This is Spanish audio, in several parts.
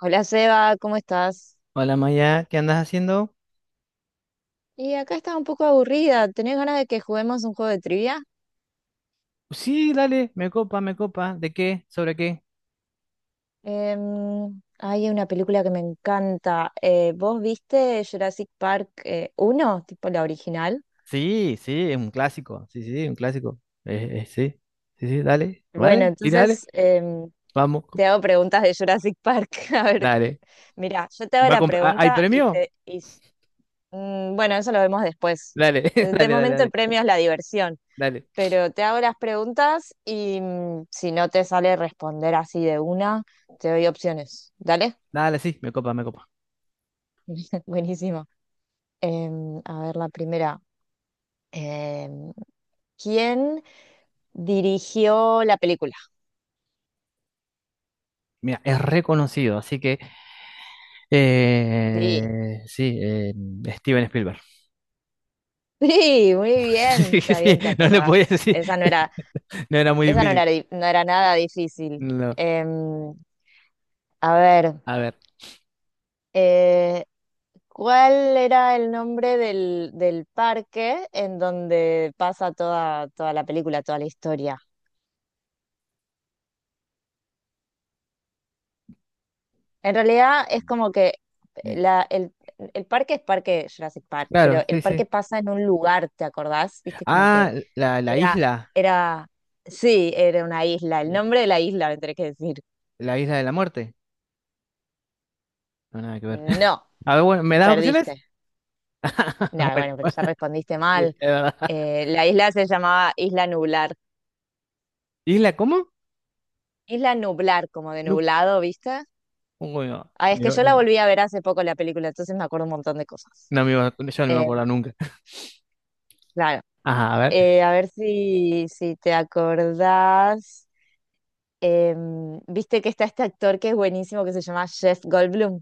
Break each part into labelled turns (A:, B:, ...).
A: Hola Seba, ¿cómo estás?
B: Hola Maya, ¿qué andas haciendo?
A: Y acá estaba un poco aburrida. ¿Tenés ganas de que juguemos un juego de trivia?
B: Sí, dale, me copa, me copa. ¿De qué? ¿Sobre qué?
A: Hay una película que me encanta. ¿Vos viste Jurassic Park 1, tipo la original?
B: Sí, sí, es un clásico. Sí, sí, un clásico. Sí, sí, sí, dale,
A: Bueno,
B: vale, sí, dale,
A: entonces
B: vamos,
A: te hago preguntas de Jurassic Park. A ver,
B: dale.
A: mira, yo te hago
B: ¿Va a
A: la
B: comp- ah, ¿Hay
A: pregunta y
B: premio?
A: te... y s- mm, bueno, eso lo vemos después.
B: Dale,
A: De
B: dale, dale,
A: momento el
B: dale,
A: premio es la diversión.
B: dale.
A: Pero te hago las preguntas y si no te sale responder así de una, te doy opciones. ¿Dale?
B: Dale, sí, me copa, me copa.
A: Buenísimo. A ver, la primera. Em, ¿Quién dirigió la película?
B: Mira, es reconocido, así que
A: Sí.
B: sí, Steven Spielberg.
A: Sí, muy bien,
B: Sí,
A: está
B: sí,
A: bien, te
B: no le podía
A: acordás.
B: decir, no era muy
A: Esa no
B: difícil.
A: era, di- No era nada difícil.
B: No,
A: Em, a ver,
B: a ver,
A: eh, ¿cuál era el nombre del parque en donde pasa toda la película, toda la historia? En realidad es como que eh, la, el, el parque es parque Jurassic Park,
B: claro,
A: pero
B: sí,
A: el
B: sí.
A: parque pasa en un lugar, ¿te acordás? Viste, como
B: Ah,
A: que
B: la
A: era,
B: isla.
A: era, sí, era una isla. El nombre de la isla me tenés que decir.
B: La isla de la muerte. No, nada que ver.
A: No,
B: A ver, bueno, ¿me das opciones?
A: perdiste. No,
B: Bueno,
A: bueno, pero ya respondiste
B: sí,
A: mal.
B: es verdad.
A: La isla se llamaba Isla Nublar.
B: ¿Isla cómo?
A: Isla Nublar, como de
B: No,
A: nublado, ¿viste?
B: bueno,
A: Ah, es que yo la volví a ver hace poco la película, entonces me acuerdo un montón de cosas.
B: yo no me
A: Eh,
B: acuerdo nunca.
A: claro.
B: Ajá, a ver.
A: A ver si te acordás. Viste que está este actor que es buenísimo que se llama Jeff Goldblum.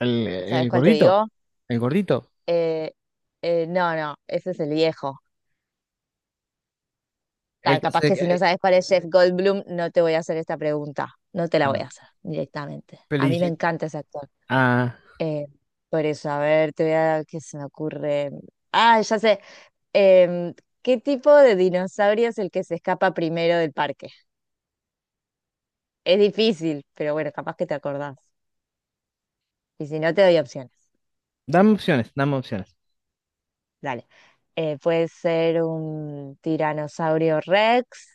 A: ¿Sabes
B: El
A: cuál te
B: gordito.
A: digo?
B: El gordito.
A: Eh, no, no, ese es el viejo.
B: El
A: Ta,
B: que
A: capaz
B: se...
A: que si no
B: eh,
A: sabes cuál es Jeff Goldblum, no te voy a hacer esta pregunta. No te la voy
B: Ah,
A: a hacer directamente. A mí me
B: Felicit-
A: encanta ese actor.
B: ah,
A: Eh, por eso, a ver, te voy a qué se me ocurre. Ah, ya sé. Em, ¿Qué tipo de dinosaurio es el que se escapa primero del parque? Es difícil, pero bueno, capaz que te acordás. Y si no, te doy opciones.
B: dame opciones, dame opciones.
A: Dale. Puede ser un tiranosaurio Rex,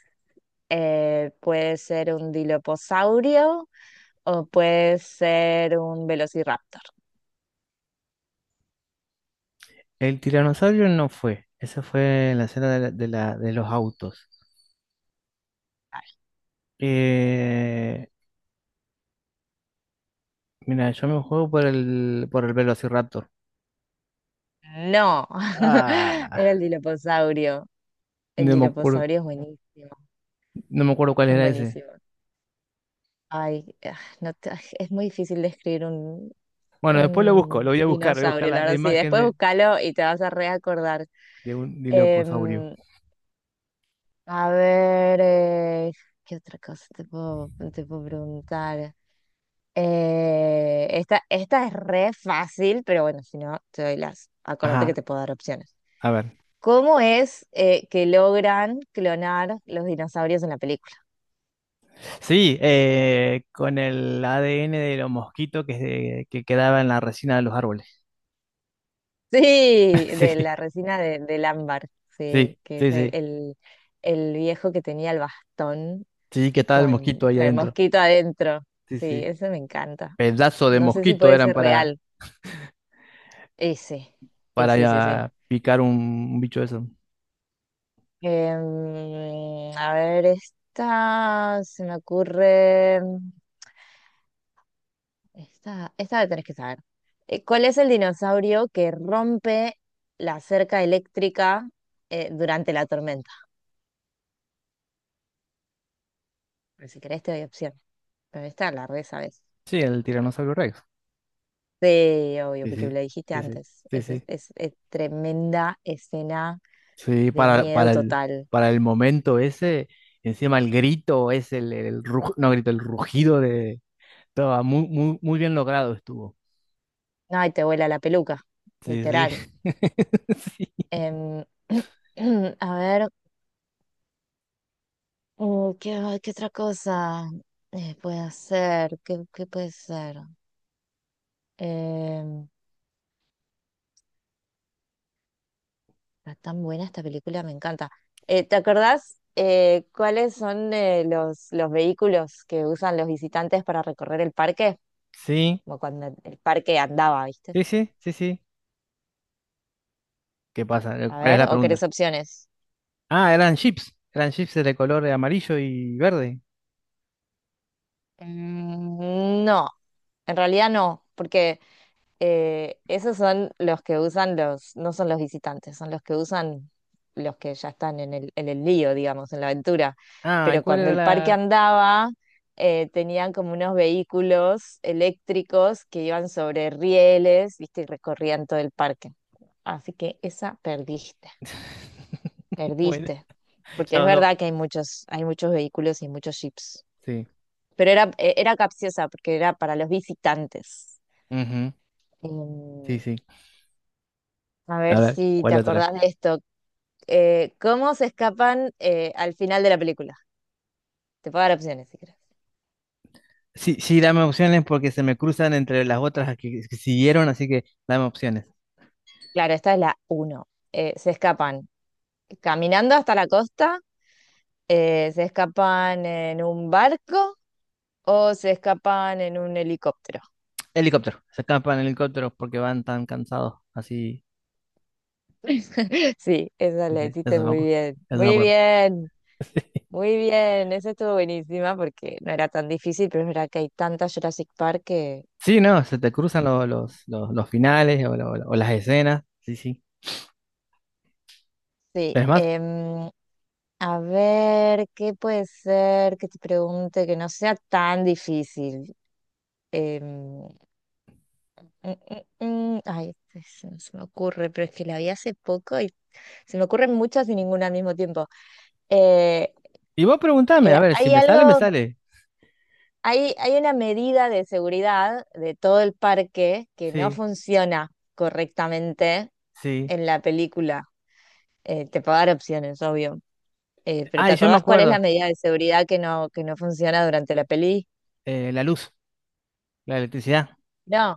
A: puede ser un diloposaurio o puede ser un velociraptor.
B: El tiranosaurio no fue. Esa fue la escena de, de, de los autos. Eh, mira, yo me juego por el Velociraptor.
A: Ay, no,
B: Ah,
A: era el diloposaurio. El
B: no me acuerdo,
A: diloposaurio es buenísimo.
B: no me acuerdo cuál
A: Son
B: era ese.
A: buenísimos. Ay, ah, no te- ah, es muy difícil describir
B: Bueno, después lo busco, lo
A: un
B: voy a buscar
A: dinosaurio,
B: la,
A: la
B: la
A: verdad. Sí,
B: imagen
A: después búscalo y te vas a reacordar.
B: de un diloposaurio.
A: Em, a ver, ¿qué otra cosa te puedo preguntar? Esta esta, es re fácil, pero bueno, si no, te doy las. Acuérdate que
B: Ajá,
A: te puedo dar opciones.
B: a ver.
A: ¿Cómo es que logran clonar los dinosaurios en la película?
B: Sí, con el ADN de los mosquitos que quedaba en la resina de los árboles.
A: Sí, de la resina del ámbar, sí,
B: Sí,
A: que
B: sí, sí,
A: es
B: sí.
A: el viejo que tenía el bastón
B: Sí, que estaba el mosquito ahí
A: con el
B: adentro.
A: mosquito adentro.
B: Sí,
A: Sí,
B: sí.
A: eso me encanta.
B: Pedazo de
A: No sé si
B: mosquito
A: puede
B: eran
A: ser real. Ese,
B: para
A: ese, sí.
B: ah, picar un bicho de eso.
A: A ver, esta se me ocurre. Esta la tenés que saber. ¿Cuál es el dinosaurio que rompe la cerca eléctrica durante la tormenta? Pero si querés, te doy opción. Pero esta la re sabes.
B: Sí, el tiranosaurio Rex.
A: Sí, obvio,
B: Sí,
A: porque
B: sí,
A: me lo dijiste
B: sí, sí,
A: antes.
B: sí, sí.
A: Es tremenda escena
B: Sí,
A: de miedo total.
B: para el momento ese, encima el grito, es el, no grito, el rugido de... Estaba muy, muy, muy bien logrado estuvo.
A: No, y te vuela la peluca,
B: Sí,
A: literal.
B: sí.
A: Em, a ver, qué otra cosa puede hacer? ¿Qué puede ser? Em, Está tan buena esta película, me encanta. ¿Te acordás cuáles son los vehículos que usan los visitantes para recorrer el parque?
B: Sí,
A: Como cuando el parque andaba, ¿viste?
B: sí, sí, sí, sí, sí. ¿Qué pasa?
A: A
B: ¿Cuál es
A: ver,
B: la
A: ¿o querés
B: pregunta?
A: opciones?
B: Ah, eran chips. Eran chips de color amarillo y verde.
A: No, en realidad no, porque esos son los que usan no son los visitantes, son los que usan los que ya están en el lío, digamos, en la aventura.
B: Ah, ¿y
A: Pero
B: cuál
A: cuando
B: era
A: el parque
B: la...?
A: andaba, tenían como unos vehículos eléctricos que iban sobre rieles, ¿viste? Y recorrían todo el parque. Así que esa perdiste,
B: Bueno,
A: perdiste. Porque es
B: ya no.
A: verdad que hay muchos vehículos y muchos jeeps.
B: Sí.
A: Pero era capciosa porque era para los visitantes.
B: Ujú, sí,
A: Em,
B: sí.
A: a
B: A
A: ver
B: ver,
A: si te
B: ¿cuál otra?
A: acordás de esto. ¿Cómo se escapan al final de la película? Te puedo dar opciones si quieres.
B: Sí, sí, dame opciones porque se me cruzan entre las otras que siguieron, así que dame opciones.
A: Claro, esta es la uno. Se escapan caminando hasta la costa, se escapan en un barco o se escapan en un helicóptero.
B: Helicóptero, se escapan en helicóptero porque van tan cansados, así,
A: Sí, esa la
B: dice, eso
A: hiciste
B: no me
A: muy
B: acuerdo,
A: bien.
B: eso no me
A: Muy
B: acuerdo.
A: bien, muy bien. Esa estuvo buenísima porque no era tan difícil, pero es verdad que hay tanta Jurassic Park que
B: Sí, no, se te cruzan los finales o, o las escenas, sí, sí.
A: sí.
B: Es más,
A: A ver, ¿qué puede ser que te pregunte que no sea tan difícil? Em, mm, mm, Ay, no se me ocurre, pero es que la vi hace poco y se me ocurren muchas y ninguna al mismo tiempo. Eh,
B: y vos preguntame, a ver, si
A: ¿Hay
B: me sale, me
A: algo?
B: sale.
A: Hay una medida de seguridad de todo el parque que no
B: Sí,
A: funciona correctamente
B: sí.
A: en la película. Te puedo dar opciones, obvio. Pero
B: Ah,
A: ¿te
B: y yo me
A: acordás cuál es la
B: acuerdo,
A: medida de seguridad que no funciona durante la peli?
B: la luz, la electricidad.
A: No.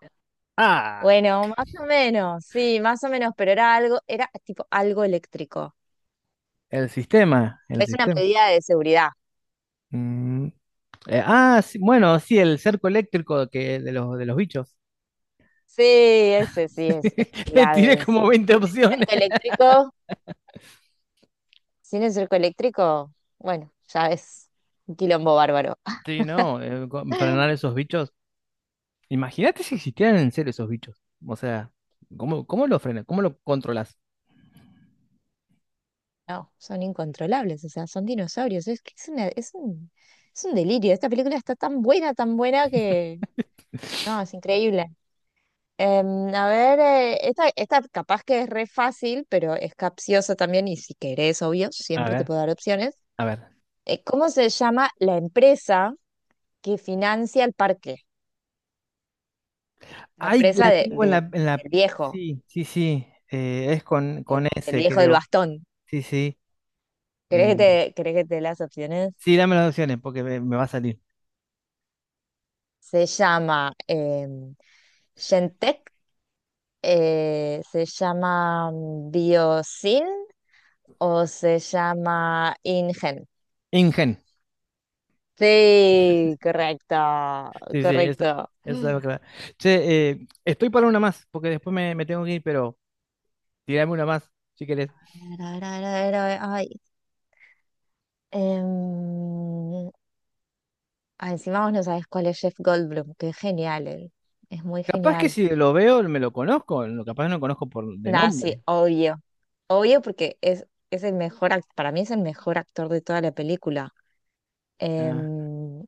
B: Ah,
A: Bueno, más o menos, sí, más o menos, pero era tipo algo eléctrico.
B: el sistema, el
A: Es una
B: sistema.
A: medida de seguridad.
B: Mm, eh, ah, sí, bueno, sí, el cerco eléctrico que, de los bichos.
A: Sí, ese sí es
B: Le tiré
A: clave eso,
B: como
A: porque
B: 20
A: sin el
B: opciones.
A: cerco eléctrico. Sin el cerco eléctrico, bueno, ya es un quilombo bárbaro.
B: Sí, no, frenar esos bichos. Imagínate si existieran en serio esos bichos. O sea, ¿cómo, cómo lo frenas? ¿Cómo lo controlas?
A: No, son incontrolables, o sea, son dinosaurios. Es que es un delirio. Esta película está tan buena que... No, es increíble. A ver, esta capaz que es re fácil, pero es capciosa también y si querés, obvio,
B: A
A: siempre te
B: ver,
A: puedo dar opciones.
B: a ver.
A: ¿Cómo se llama la empresa que financia el parque? La
B: Ay,
A: empresa
B: la tengo en la...
A: del viejo,
B: Sí, sí, sí. Eh, es con
A: del
B: S,
A: viejo del
B: creo.
A: bastón.
B: Sí, sí.
A: ¿Querés
B: Eh,
A: que querés que te dé las opciones?
B: sí, dame las opciones porque me va a salir.
A: Se llama Shentech, se llama Biosin o se llama InGen.
B: Ingen.
A: Sí, correcto,
B: Sí, sí, esa,
A: correcto. A
B: clave. Che, estoy para una más porque después me, me tengo que ir, pero... Tirame una más, si querés.
A: ver, a ver, a ver, a ver, a ver, ay, em, encima vos no sabés cuál es Jeff Goldblum, que es genial él, es muy
B: Capaz que
A: genial.
B: si lo veo me lo conozco, lo capaz no lo conozco por de
A: Nah, sí,
B: nombre.
A: obvio, obvio porque es para mí es el mejor actor de toda la película.
B: Ah,
A: Em,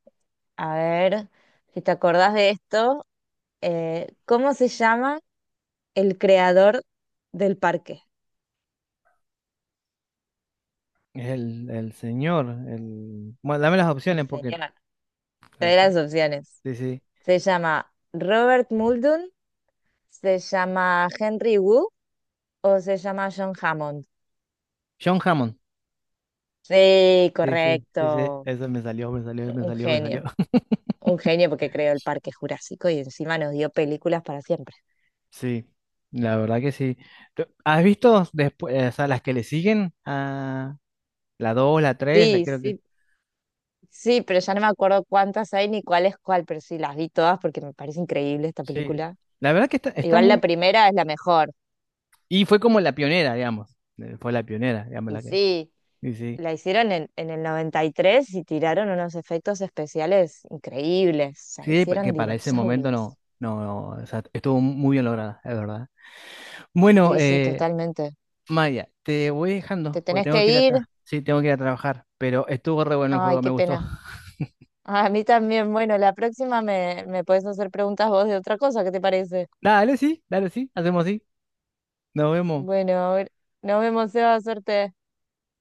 A: a ver, si te acordás de esto, ¿cómo se llama el creador del parque?
B: el señor, el... Bueno, dame las
A: El
B: opciones porque...
A: señor. Te doy
B: sí,
A: las opciones.
B: sí, sí.
A: ¿Se llama Robert Muldoon? ¿Se llama Henry Wu? ¿O se llama John Hammond?
B: John Hammond.
A: Sí,
B: Sí, sí, sí, sí.
A: correcto.
B: Eso me salió, me salió, me
A: Un
B: salió, me
A: genio.
B: salió.
A: Un genio porque creó el Parque Jurásico y encima nos dio películas para siempre.
B: Sí, la verdad que sí. ¿Has visto después, o sea, las que le siguen a la 2 la tres la
A: Sí,
B: creo que...
A: sí, sí, pero ya no me acuerdo cuántas hay ni cuál es cuál, pero sí, las vi todas porque me parece increíble esta
B: Sí,
A: película.
B: la verdad que están
A: Igual la
B: muy...
A: primera es la mejor.
B: Y fue como la pionera, digamos. Fue la pionera, digamos,
A: Y
B: la que...
A: sí,
B: Sí, sí.
A: la hicieron en el 93 y tiraron unos efectos especiales increíbles. O sea,
B: Sí,
A: hicieron
B: que para ese momento no,
A: dinosaurios.
B: no, no, o sea, estuvo muy bien lograda, es verdad. Bueno,
A: Sí, sí, totalmente.
B: Maya, te voy
A: ¿Te
B: dejando porque
A: tenés
B: tengo
A: que
B: que ir a
A: ir?
B: sí, tengo que ir a trabajar, pero estuvo re bueno el
A: Ay,
B: juego, me
A: qué
B: gustó.
A: pena. Ah, a mí también. Bueno, la próxima me puedes hacer preguntas vos de otra cosa, ¿qué te parece?
B: Dale, sí, hacemos así. Nos vemos.
A: Bueno, a ver nos vemos, Seba, suerte.